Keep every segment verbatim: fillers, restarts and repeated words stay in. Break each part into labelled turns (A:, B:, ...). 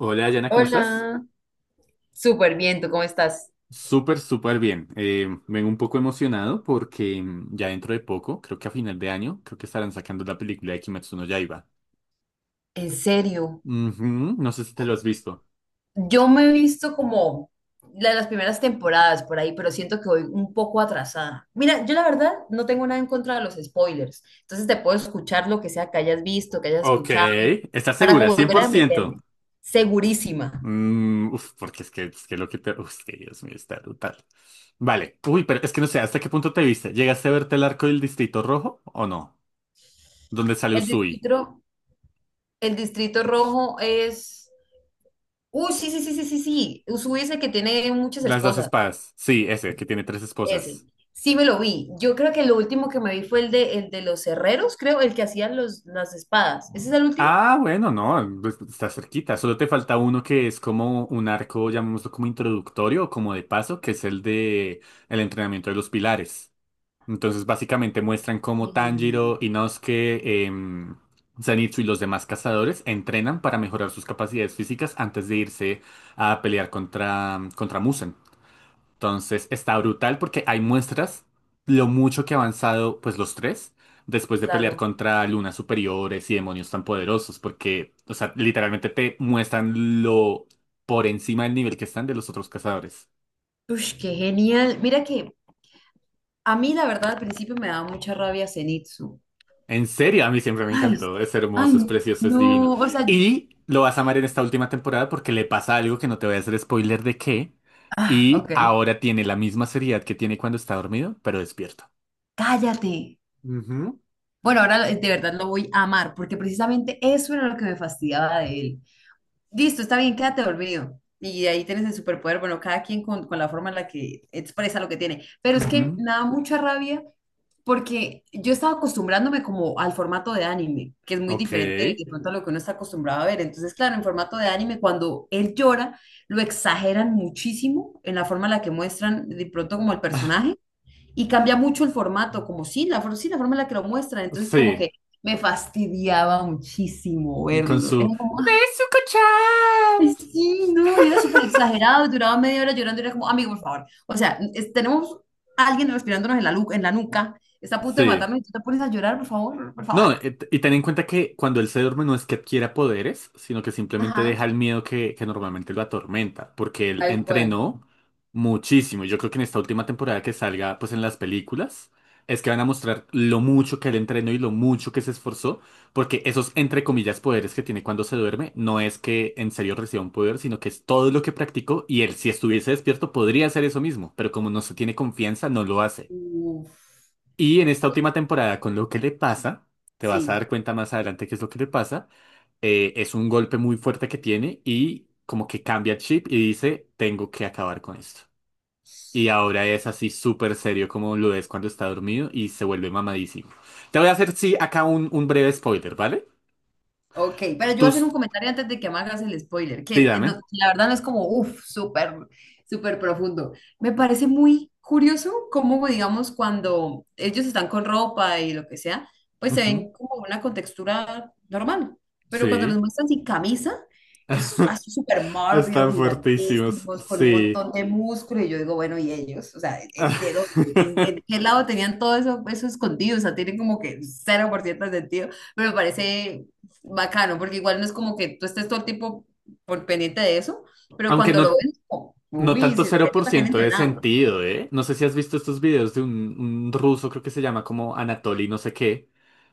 A: Hola, Yana, ¿cómo estás?
B: Hola, súper bien, ¿tú cómo estás?
A: Súper, súper bien. Eh, vengo un poco emocionado porque mm, ya dentro de poco, creo que a final de año, creo que estarán sacando la película de Kimetsu no Yaiba.
B: ¿En serio?
A: Ujú, no sé si te lo has visto.
B: Yo me he visto como la de las primeras temporadas por ahí, pero siento que voy un poco atrasada. Mira, yo la verdad no tengo nada en contra de los spoilers, entonces te puedo escuchar lo que sea que hayas visto, que hayas
A: Ok,
B: escuchado,
A: ¿estás
B: para
A: segura?
B: como volver a
A: cien por ciento.
B: meterme. Segurísima.
A: Mm, uf, porque es que, es que lo que te... Uf, es que Dios mío, está brutal. Vale. Uy, pero es que no sé, ¿hasta qué punto te viste? ¿Llegaste a verte el arco del Distrito Rojo o no? ¿Dónde sale
B: El
A: Usui?
B: distrito, el distrito rojo es... Uy, sí, sí, sí, sí, sí, sí. Usui es el que tiene muchas
A: Las dos
B: esposas.
A: espadas. Sí, ese, que tiene tres
B: Ese.
A: esposas.
B: Sí me lo vi. Yo creo que lo último que me vi fue el de, el de los herreros, creo, el que hacían los, las espadas. ¿Ese es el último?
A: Ah, bueno, no, pues, está cerquita. Solo te falta uno que es como un arco, llamémoslo como introductorio o como de paso, que es el de el entrenamiento de los pilares. Entonces, básicamente muestran cómo Tanjiro,
B: Y,
A: Inosuke, em, Zenitsu y los demás cazadores entrenan para mejorar sus capacidades físicas antes de irse a pelear contra, contra Musen. Entonces está brutal porque hay muestras lo mucho que ha avanzado pues los tres después de pelear
B: claro.
A: contra lunas superiores y demonios tan poderosos porque, o sea, literalmente te muestran lo por encima del nivel que están de los otros cazadores.
B: Ush, qué genial. Mira que a mí la verdad al principio me daba mucha rabia Zenitsu.
A: En serio, a mí siempre me
B: Ay,
A: encantó, es hermoso, es
B: ay,
A: precioso, es divino.
B: no. O sea,
A: Y lo vas a amar en esta última temporada porque le pasa algo que no te voy a hacer spoiler de qué
B: ah,
A: y
B: ok.
A: ahora tiene la misma seriedad que tiene cuando está dormido, pero despierto.
B: Cállate.
A: Ujú.
B: Bueno, ahora de verdad lo voy a amar, porque precisamente eso era lo que me fastidiaba de él. Listo, está bien, quédate dormido. Y ahí tienes el superpoder, bueno, cada quien con, con la forma en la que expresa lo que tiene. Pero es que
A: Ujú.
B: me da mucha rabia porque yo estaba acostumbrándome como al formato de anime, que es muy
A: Ok.
B: diferente de pronto a lo que uno está acostumbrado a ver. Entonces, claro, en formato de anime, cuando él llora, lo exageran muchísimo en la forma en la que muestran de pronto como el personaje y cambia mucho el formato, como sí, la, for- sí, la forma en la que lo muestran. Entonces, como
A: Sí,
B: que me fastidiaba muchísimo
A: con
B: verlo. Era
A: su...
B: como,
A: ¡Es un
B: ay, sí, no, y era súper exagerado, y duraba media hora llorando, y era como, amigo, por favor. O sea, es- tenemos a alguien respirándonos en la, lu- en la nuca, está a punto de
A: Sí.
B: matarnos, y tú te pones a llorar, por favor, por favor.
A: No, eh, t- y ten en cuenta que cuando él se duerme no es que adquiera poderes, sino que simplemente deja
B: Ajá,
A: el miedo que, que normalmente lo atormenta, porque él
B: tal cual.
A: entrenó muchísimo. Yo creo que en esta última temporada que salga, pues en las películas, es que van a mostrar lo mucho que él entrenó y lo mucho que se esforzó, porque esos, entre comillas, poderes que tiene cuando se duerme, no es que en serio reciba un poder, sino que es todo lo que practicó y él, si estuviese despierto, podría hacer eso mismo, pero como no se tiene confianza, no lo hace.
B: Uf,
A: Y en esta última temporada, con lo que le pasa, te vas a
B: sí.
A: dar cuenta más adelante qué es lo que le pasa, eh, es un golpe muy fuerte que tiene y como que cambia el chip y dice, tengo que acabar con esto. Y ahora es así súper serio como lo es cuando está dormido y se vuelve mamadísimo. Te voy a hacer, sí, acá un, un breve spoiler, ¿vale?
B: Ok, pero yo voy a
A: Tú,
B: hacer un comentario antes de que me hagas el spoiler, que es- eh, no-
A: dígame.
B: la verdad no es como, uff, súper, súper profundo. Me parece muy curioso cómo, digamos, cuando ellos están con ropa y lo que sea, pues se
A: Ujú.
B: ven como una contextura normal, pero cuando los
A: Sí.
B: muestran sin camisa, es así súper mórbidos,
A: Están fuertísimos,
B: gigantísimos, con un
A: sí.
B: montón de músculo, y yo digo, bueno, ¿y ellos? O sea, eh, ¿de dónde? ¿En, en qué lado tenían todo eso, eso escondido? O sea, tienen como que cero por ciento de sentido, pero me parece bacano, porque igual no es como que tú estés todo el tiempo por pendiente de eso, pero
A: Aunque
B: cuando lo
A: no
B: ven como,
A: No
B: uy,
A: tanto
B: se, se
A: cero por
B: nota que han
A: ciento de
B: entrenado.
A: sentido, ¿eh? No sé si has visto estos videos de un, un ruso, creo que se llama como Anatoly, no sé qué,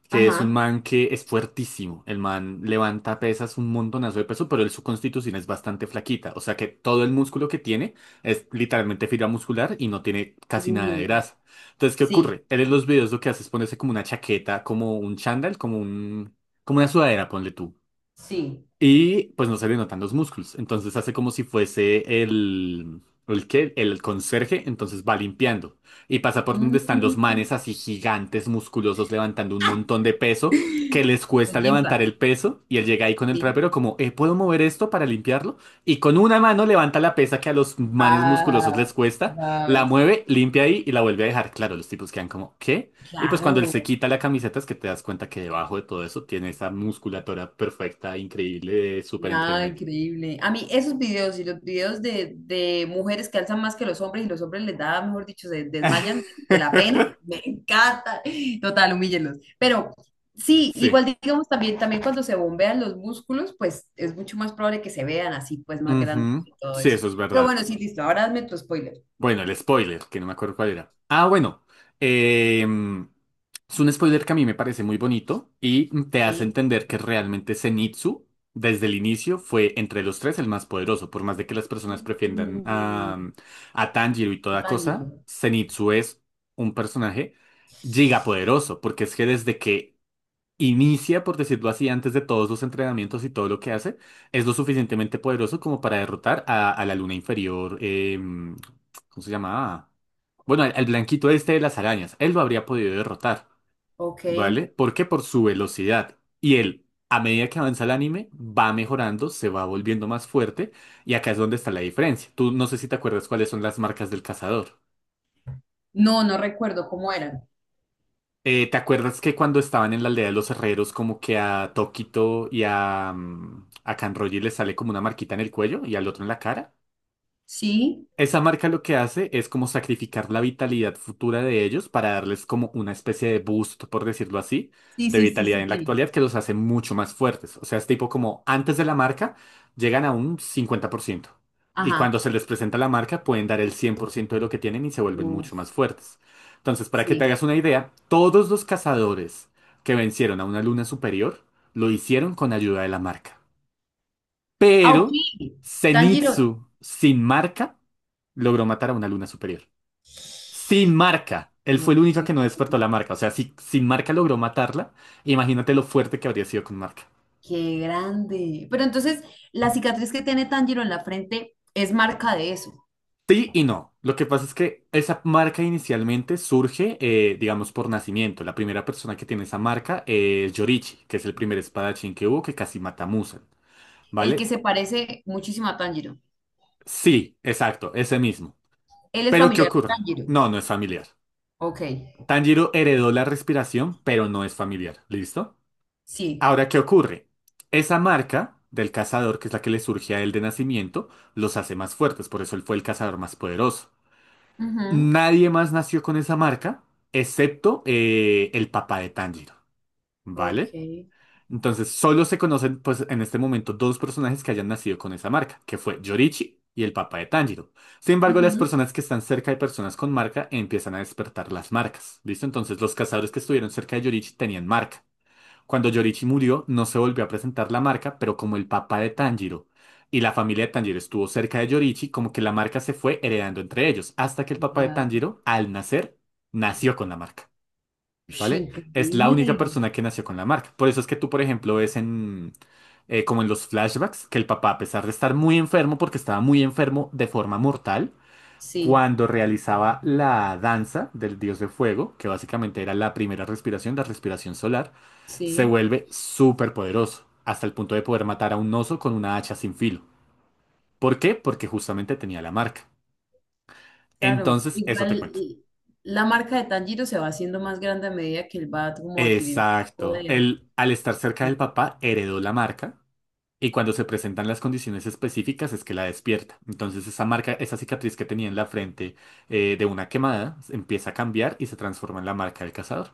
A: que es un
B: Ajá.
A: man que es fuertísimo. El man levanta pesas un montonazo de peso, pero él, su constitución es bastante flaquita. O sea que todo el músculo que tiene es literalmente fibra muscular y no tiene casi nada de
B: Uy,
A: grasa. Entonces, ¿qué
B: sí,
A: ocurre? Él en los videos lo que hace es ponerse como una chaqueta, como un chándal, como un, como una sudadera, ponle tú.
B: sí.
A: Y pues no se le notan los músculos. Entonces hace como si fuese el... ¿El qué? El conserje. Entonces va limpiando. Y pasa por donde están los
B: Mm,
A: manes así gigantes, musculosos, levantando un montón de peso, que les cuesta
B: los gym
A: levantar
B: pads,
A: el peso. Y él llega ahí con el
B: sí.
A: trapero como, eh, ¿puedo mover esto para limpiarlo? Y con una mano levanta la pesa que a los manes musculosos
B: Paf,
A: les cuesta, la
B: paf,
A: mueve, limpia ahí y la vuelve a dejar. Claro, los tipos quedan como, ¿qué? Y pues cuando él se
B: claro.
A: quita la camiseta es que te das cuenta que debajo de todo eso tiene esa musculatura perfecta, increíble, de súper
B: Nada,
A: entrenamiento.
B: increíble. A mí esos videos y los videos de, de mujeres que alzan más que los hombres y los hombres les da, mejor dicho, se desmayan de la pena, me encanta. Total, humíllenlos. Pero sí, igual
A: Sí.
B: digamos también, también cuando se bombean los músculos, pues es mucho más probable que se vean así, pues más grandes
A: Ujú.
B: y todo
A: Sí,
B: eso.
A: eso es
B: Pero
A: verdad.
B: bueno, sí, listo, ahora hazme tu spoiler.
A: Bueno, el spoiler, que no me acuerdo cuál era. Ah, bueno. em, es un spoiler que a mí me parece muy bonito y te hace
B: Sí.
A: entender que realmente Zenitsu, desde el inicio, fue entre los tres el más poderoso. Por más de que las personas prefieran
B: Uy,
A: a, a Tanjiro y toda
B: Tanjiro.
A: cosa, Zenitsu es un personaje gigapoderoso, porque es que desde que inicia, por decirlo así, antes de todos los entrenamientos y todo lo que hace, es lo suficientemente poderoso como para derrotar a, a la luna inferior. em, ¿cómo se llamaba? Bueno, al, al blanquito este de las arañas. Él lo habría podido derrotar,
B: Ok.
A: ¿vale? Porque por su velocidad. Y él, a medida que avanza el anime, va mejorando, se va volviendo más fuerte. Y acá es donde está la diferencia. Tú no sé si te acuerdas cuáles son las marcas del cazador.
B: No, no recuerdo cómo eran.
A: Eh, ¿te acuerdas que cuando estaban en la aldea de los herreros, como que a Toquito y a, mm, a Kanroji les sale como una marquita en el cuello y al otro en la cara?
B: Sí,
A: Esa marca lo que hace es como sacrificar la vitalidad futura de ellos para darles como una especie de boost, por decirlo así,
B: sí,
A: de
B: sí, sí,
A: vitalidad
B: sí,
A: en la
B: sí.
A: actualidad que los hace mucho más fuertes. O sea, es tipo como antes de la marca llegan a un cincuenta por ciento. Y cuando
B: Ajá.
A: se les presenta la marca pueden dar el cien por ciento de lo que tienen y se vuelven mucho
B: Uf.
A: más fuertes. Entonces, para que te
B: Sí.
A: hagas una idea, todos los cazadores que vencieron a una luna superior lo hicieron con ayuda de la marca.
B: Ah, ok.
A: Pero
B: Tanjiro.
A: Zenitsu sin marca logró matar a una luna superior. Sin marca. Él fue el único que no
B: Ok.
A: despertó la marca. O sea, si sin marca logró matarla, imagínate lo fuerte que habría sido con marca.
B: Qué grande. Pero entonces, la cicatriz que tiene Tanjiro en la frente es marca de eso.
A: Sí y no. Lo que pasa es que esa marca inicialmente surge, eh, digamos, por nacimiento. La primera persona que tiene esa marca es Yorichi, que es el primer espadachín que hubo que casi mata a Muzan.
B: El que
A: ¿Vale?
B: se parece muchísimo a Tanjiro.
A: Sí, exacto, ese mismo.
B: Él es
A: Pero ¿qué
B: familiar de
A: ocurre?
B: Tanjiro.
A: No, no es familiar.
B: Ok.
A: Tanjiro heredó la respiración, pero no es familiar. ¿Listo?
B: Sí.
A: Ahora, ¿qué ocurre? Esa marca del cazador, que es la que le surge a él de nacimiento, los hace más fuertes, por eso él fue el cazador más poderoso.
B: Ujú.
A: Nadie más nació con esa marca, excepto eh, el papá de Tanjiro,
B: Ok.
A: ¿vale? Entonces, solo se conocen, pues, en este momento dos personajes que hayan nacido con esa marca, que fue Yorichi y el papá de Tanjiro. Sin embargo, las
B: Ujú.
A: personas que están cerca de personas con marca empiezan a despertar las marcas, ¿listo? Entonces, los cazadores que estuvieron cerca de Yorichi tenían marca. Cuando Yorichi murió, no se volvió a presentar la marca, pero como el papá de Tanjiro y la familia de Tanjiro estuvo cerca de Yorichi, como que la marca se fue heredando entre ellos, hasta que el papá de
B: Va.
A: Tanjiro, al nacer, nació con la marca,
B: Ush,
A: ¿vale? Es la única
B: increíble.
A: persona que nació con la marca. Por eso es que tú, por ejemplo, ves en, eh, como en los flashbacks, que el papá, a pesar de estar muy enfermo, porque estaba muy enfermo de forma mortal,
B: Sí,
A: cuando realizaba la danza del dios de fuego, que básicamente era la primera respiración, la respiración solar, se
B: sí.
A: vuelve súper poderoso, hasta el punto de poder matar a un oso con una hacha sin filo. ¿Por qué? Porque justamente tenía la marca.
B: Claro.
A: Entonces, eso te
B: Igual
A: cuento.
B: y- la marca de Tanjiro se va haciendo más grande a medida que él va como adquiriendo más
A: Exacto.
B: poder.
A: Él, al estar cerca del papá, heredó la marca. Y cuando se presentan las condiciones específicas es que la despierta. Entonces esa marca, esa cicatriz que tenía en la frente eh, de una quemada empieza a cambiar y se transforma en la marca del cazador.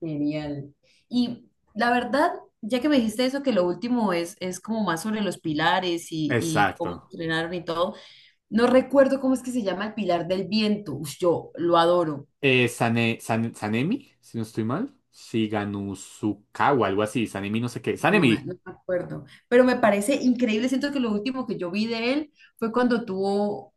B: Genial. Y la verdad, ya que me dijiste eso, que lo último es, es como más sobre los pilares y, y cómo
A: Exacto.
B: entrenaron y todo, no recuerdo cómo es que se llama el pilar del viento. Ush, yo lo adoro,
A: Eh, Sane- San- Sanemi, si no estoy mal. Shiganusuka o algo así. Sanemi no sé qué.
B: no me,
A: Sanemi.
B: no me acuerdo, pero me parece increíble. Siento que lo último que yo vi de él fue cuando tuvo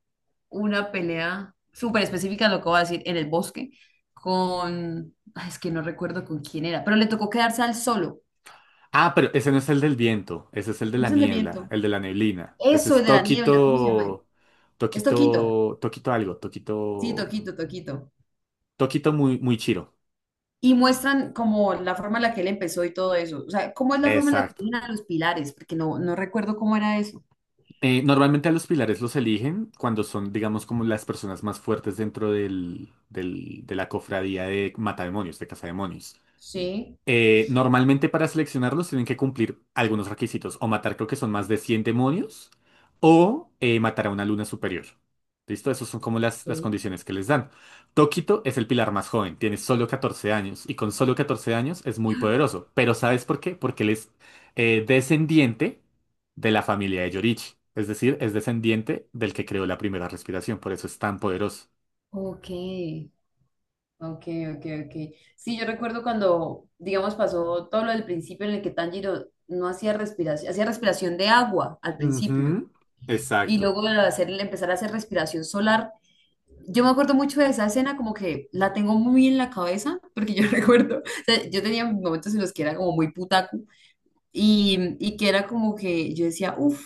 B: una pelea súper específica, lo que voy a decir, en el bosque, con, ay, es que no recuerdo con quién era, pero le tocó quedarse al solo.
A: Ah, pero ese no es el del viento. Ese es el de
B: ¿Cómo
A: la
B: es el del
A: niebla.
B: viento?
A: El de la neblina. Ese
B: Eso,
A: es
B: el de la niebla, ¿cómo se llama?
A: Tokito.
B: Es Toquito,
A: Tokito. Tokito algo.
B: sí,
A: Tokito.
B: Toquito, Toquito.
A: Tokito muy, muy chiro.
B: Y muestran como la forma en la que él empezó y todo eso. O sea, ¿cómo es la forma en la que
A: Exacto.
B: tienen a los pilares? Porque no, no recuerdo cómo era eso.
A: Eh, normalmente a los pilares los eligen cuando son, digamos, como las personas más fuertes dentro del, del- de la cofradía de matademonios, de cazademonios.
B: Sí,
A: Eh, normalmente para seleccionarlos tienen que cumplir algunos requisitos, o matar creo que son más de cien demonios, o eh, matar a una luna superior. ¿Listo? Esas son como las,
B: ok.
A: las condiciones que les dan. Tokito es el pilar más joven, tiene solo catorce años, y con solo catorce años es muy poderoso. Pero ¿sabes por qué? Porque él es eh, descendiente de la familia de Yorichi, es decir, es descendiente del que creó la primera respiración, por eso es tan poderoso.
B: Ok, ok, ok, ok. Sí, yo recuerdo cuando, digamos, pasó todo lo del principio en el que Tanjiro no hacía respiración, hacía respiración de agua al principio.
A: Ujú.
B: Y
A: Exacto.
B: luego de hacer, empezar a hacer respiración solar, yo me acuerdo mucho de esa escena, como que la tengo muy en la cabeza, porque yo recuerdo, o sea, yo tenía momentos en los que era como muy putaku y, y que era como que yo decía, uff,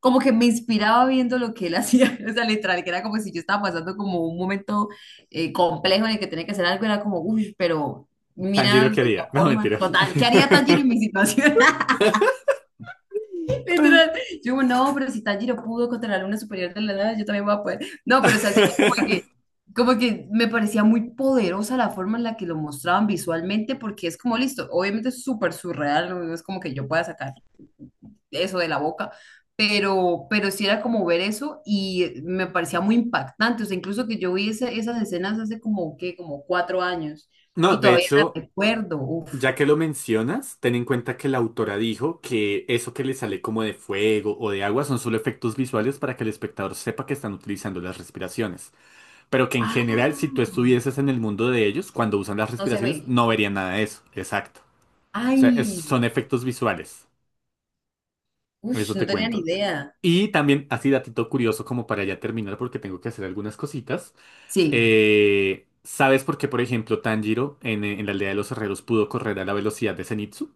B: como que me inspiraba viendo lo que él hacía, o sea, literal, que era como si yo estaba pasando como un momento eh, complejo en el que tenía que hacer algo, era como, uff, pero
A: Tanjiro
B: mira la
A: quería, no
B: forma,
A: mentiras.
B: total, ¿qué haría Tanjiro en mi situación? Literal. Yo, no, pero si Tanjiro pudo contra la luna superior de la nada, yo también voy a poder. No, pero o sea, sí, era como que, como que me parecía muy poderosa la forma en la que lo mostraban visualmente, porque es como listo, obviamente es súper surreal, no No es como que yo pueda sacar eso de la boca, pero, pero sí era como ver eso y me parecía muy impactante, o sea, incluso que yo vi esa- esas escenas hace como, qué, como cuatro años
A: No,
B: y
A: de
B: todavía las
A: hecho,
B: recuerdo, uf.
A: ya que lo mencionas, ten en cuenta que la autora dijo que eso que le sale como de fuego o de agua son solo efectos visuales para que el espectador sepa que están utilizando las respiraciones. Pero que en general, si tú
B: Ah,
A: estuvieses en el mundo de ellos, cuando usan las
B: no se
A: respiraciones,
B: ve.
A: no verían nada de eso. Exacto. O sea, es-
B: Ay,
A: son efectos visuales.
B: ush,
A: Eso te
B: no tenía ni
A: cuento.
B: idea.
A: Y también, así datito curioso como para ya terminar, porque tengo que hacer algunas cositas.
B: Sí,
A: Eh, ¿sabes por qué, por ejemplo, Tanjiro en, eh, en la aldea de los herreros pudo correr a la velocidad de Zenitsu?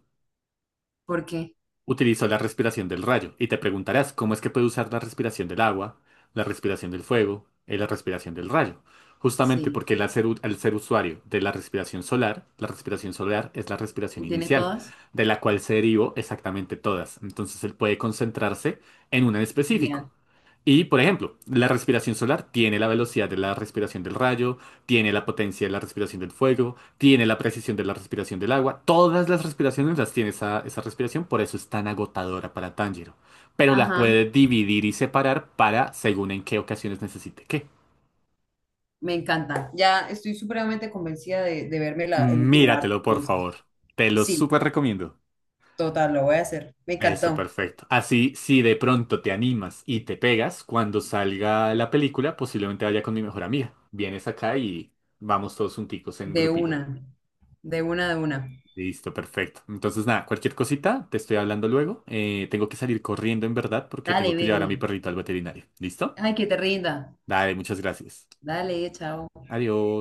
B: porque
A: Utilizó la respiración del rayo. Y te preguntarás, ¿cómo es que puede usar la respiración del agua, la respiración del fuego y la respiración del rayo? Justamente
B: sí.
A: porque él al ser, u- al ser usuario de la respiración solar, la respiración solar es la respiración
B: ¿Y tiene
A: inicial,
B: todas?
A: de la cual se derivó exactamente todas. Entonces él puede concentrarse en una en específico.
B: Genial.
A: Y, por ejemplo, la respiración solar tiene la velocidad de la respiración del rayo, tiene la potencia de la respiración del fuego, tiene la precisión de la respiración del agua. Todas las respiraciones las tiene esa, esa respiración, por eso es tan agotadora para Tanjiro. Pero las
B: Ajá,
A: puede dividir y separar para según en qué ocasiones necesite qué.
B: me encanta. Ya estoy supremamente convencida de, de, verme la- el último arte,
A: Míratelo, por
B: entonces.
A: favor. Te lo
B: Sí,
A: súper recomiendo.
B: total, lo voy a hacer. Me
A: Eso,
B: encantó.
A: perfecto. Así, si de pronto te animas y te pegas, cuando salga la película, posiblemente vaya con mi mejor amiga. Vienes acá y vamos todos junticos en
B: De
A: grupito.
B: una, de una, de una.
A: Listo, perfecto. Entonces, nada, cualquier cosita, te estoy hablando luego. Eh, tengo que salir corriendo en verdad porque tengo
B: Dale,
A: que llevar a mi
B: bebé.
A: perrito al veterinario. ¿Listo?
B: Ay, que te rinda.
A: Dale, muchas gracias.
B: Dale, chao.
A: Adiós.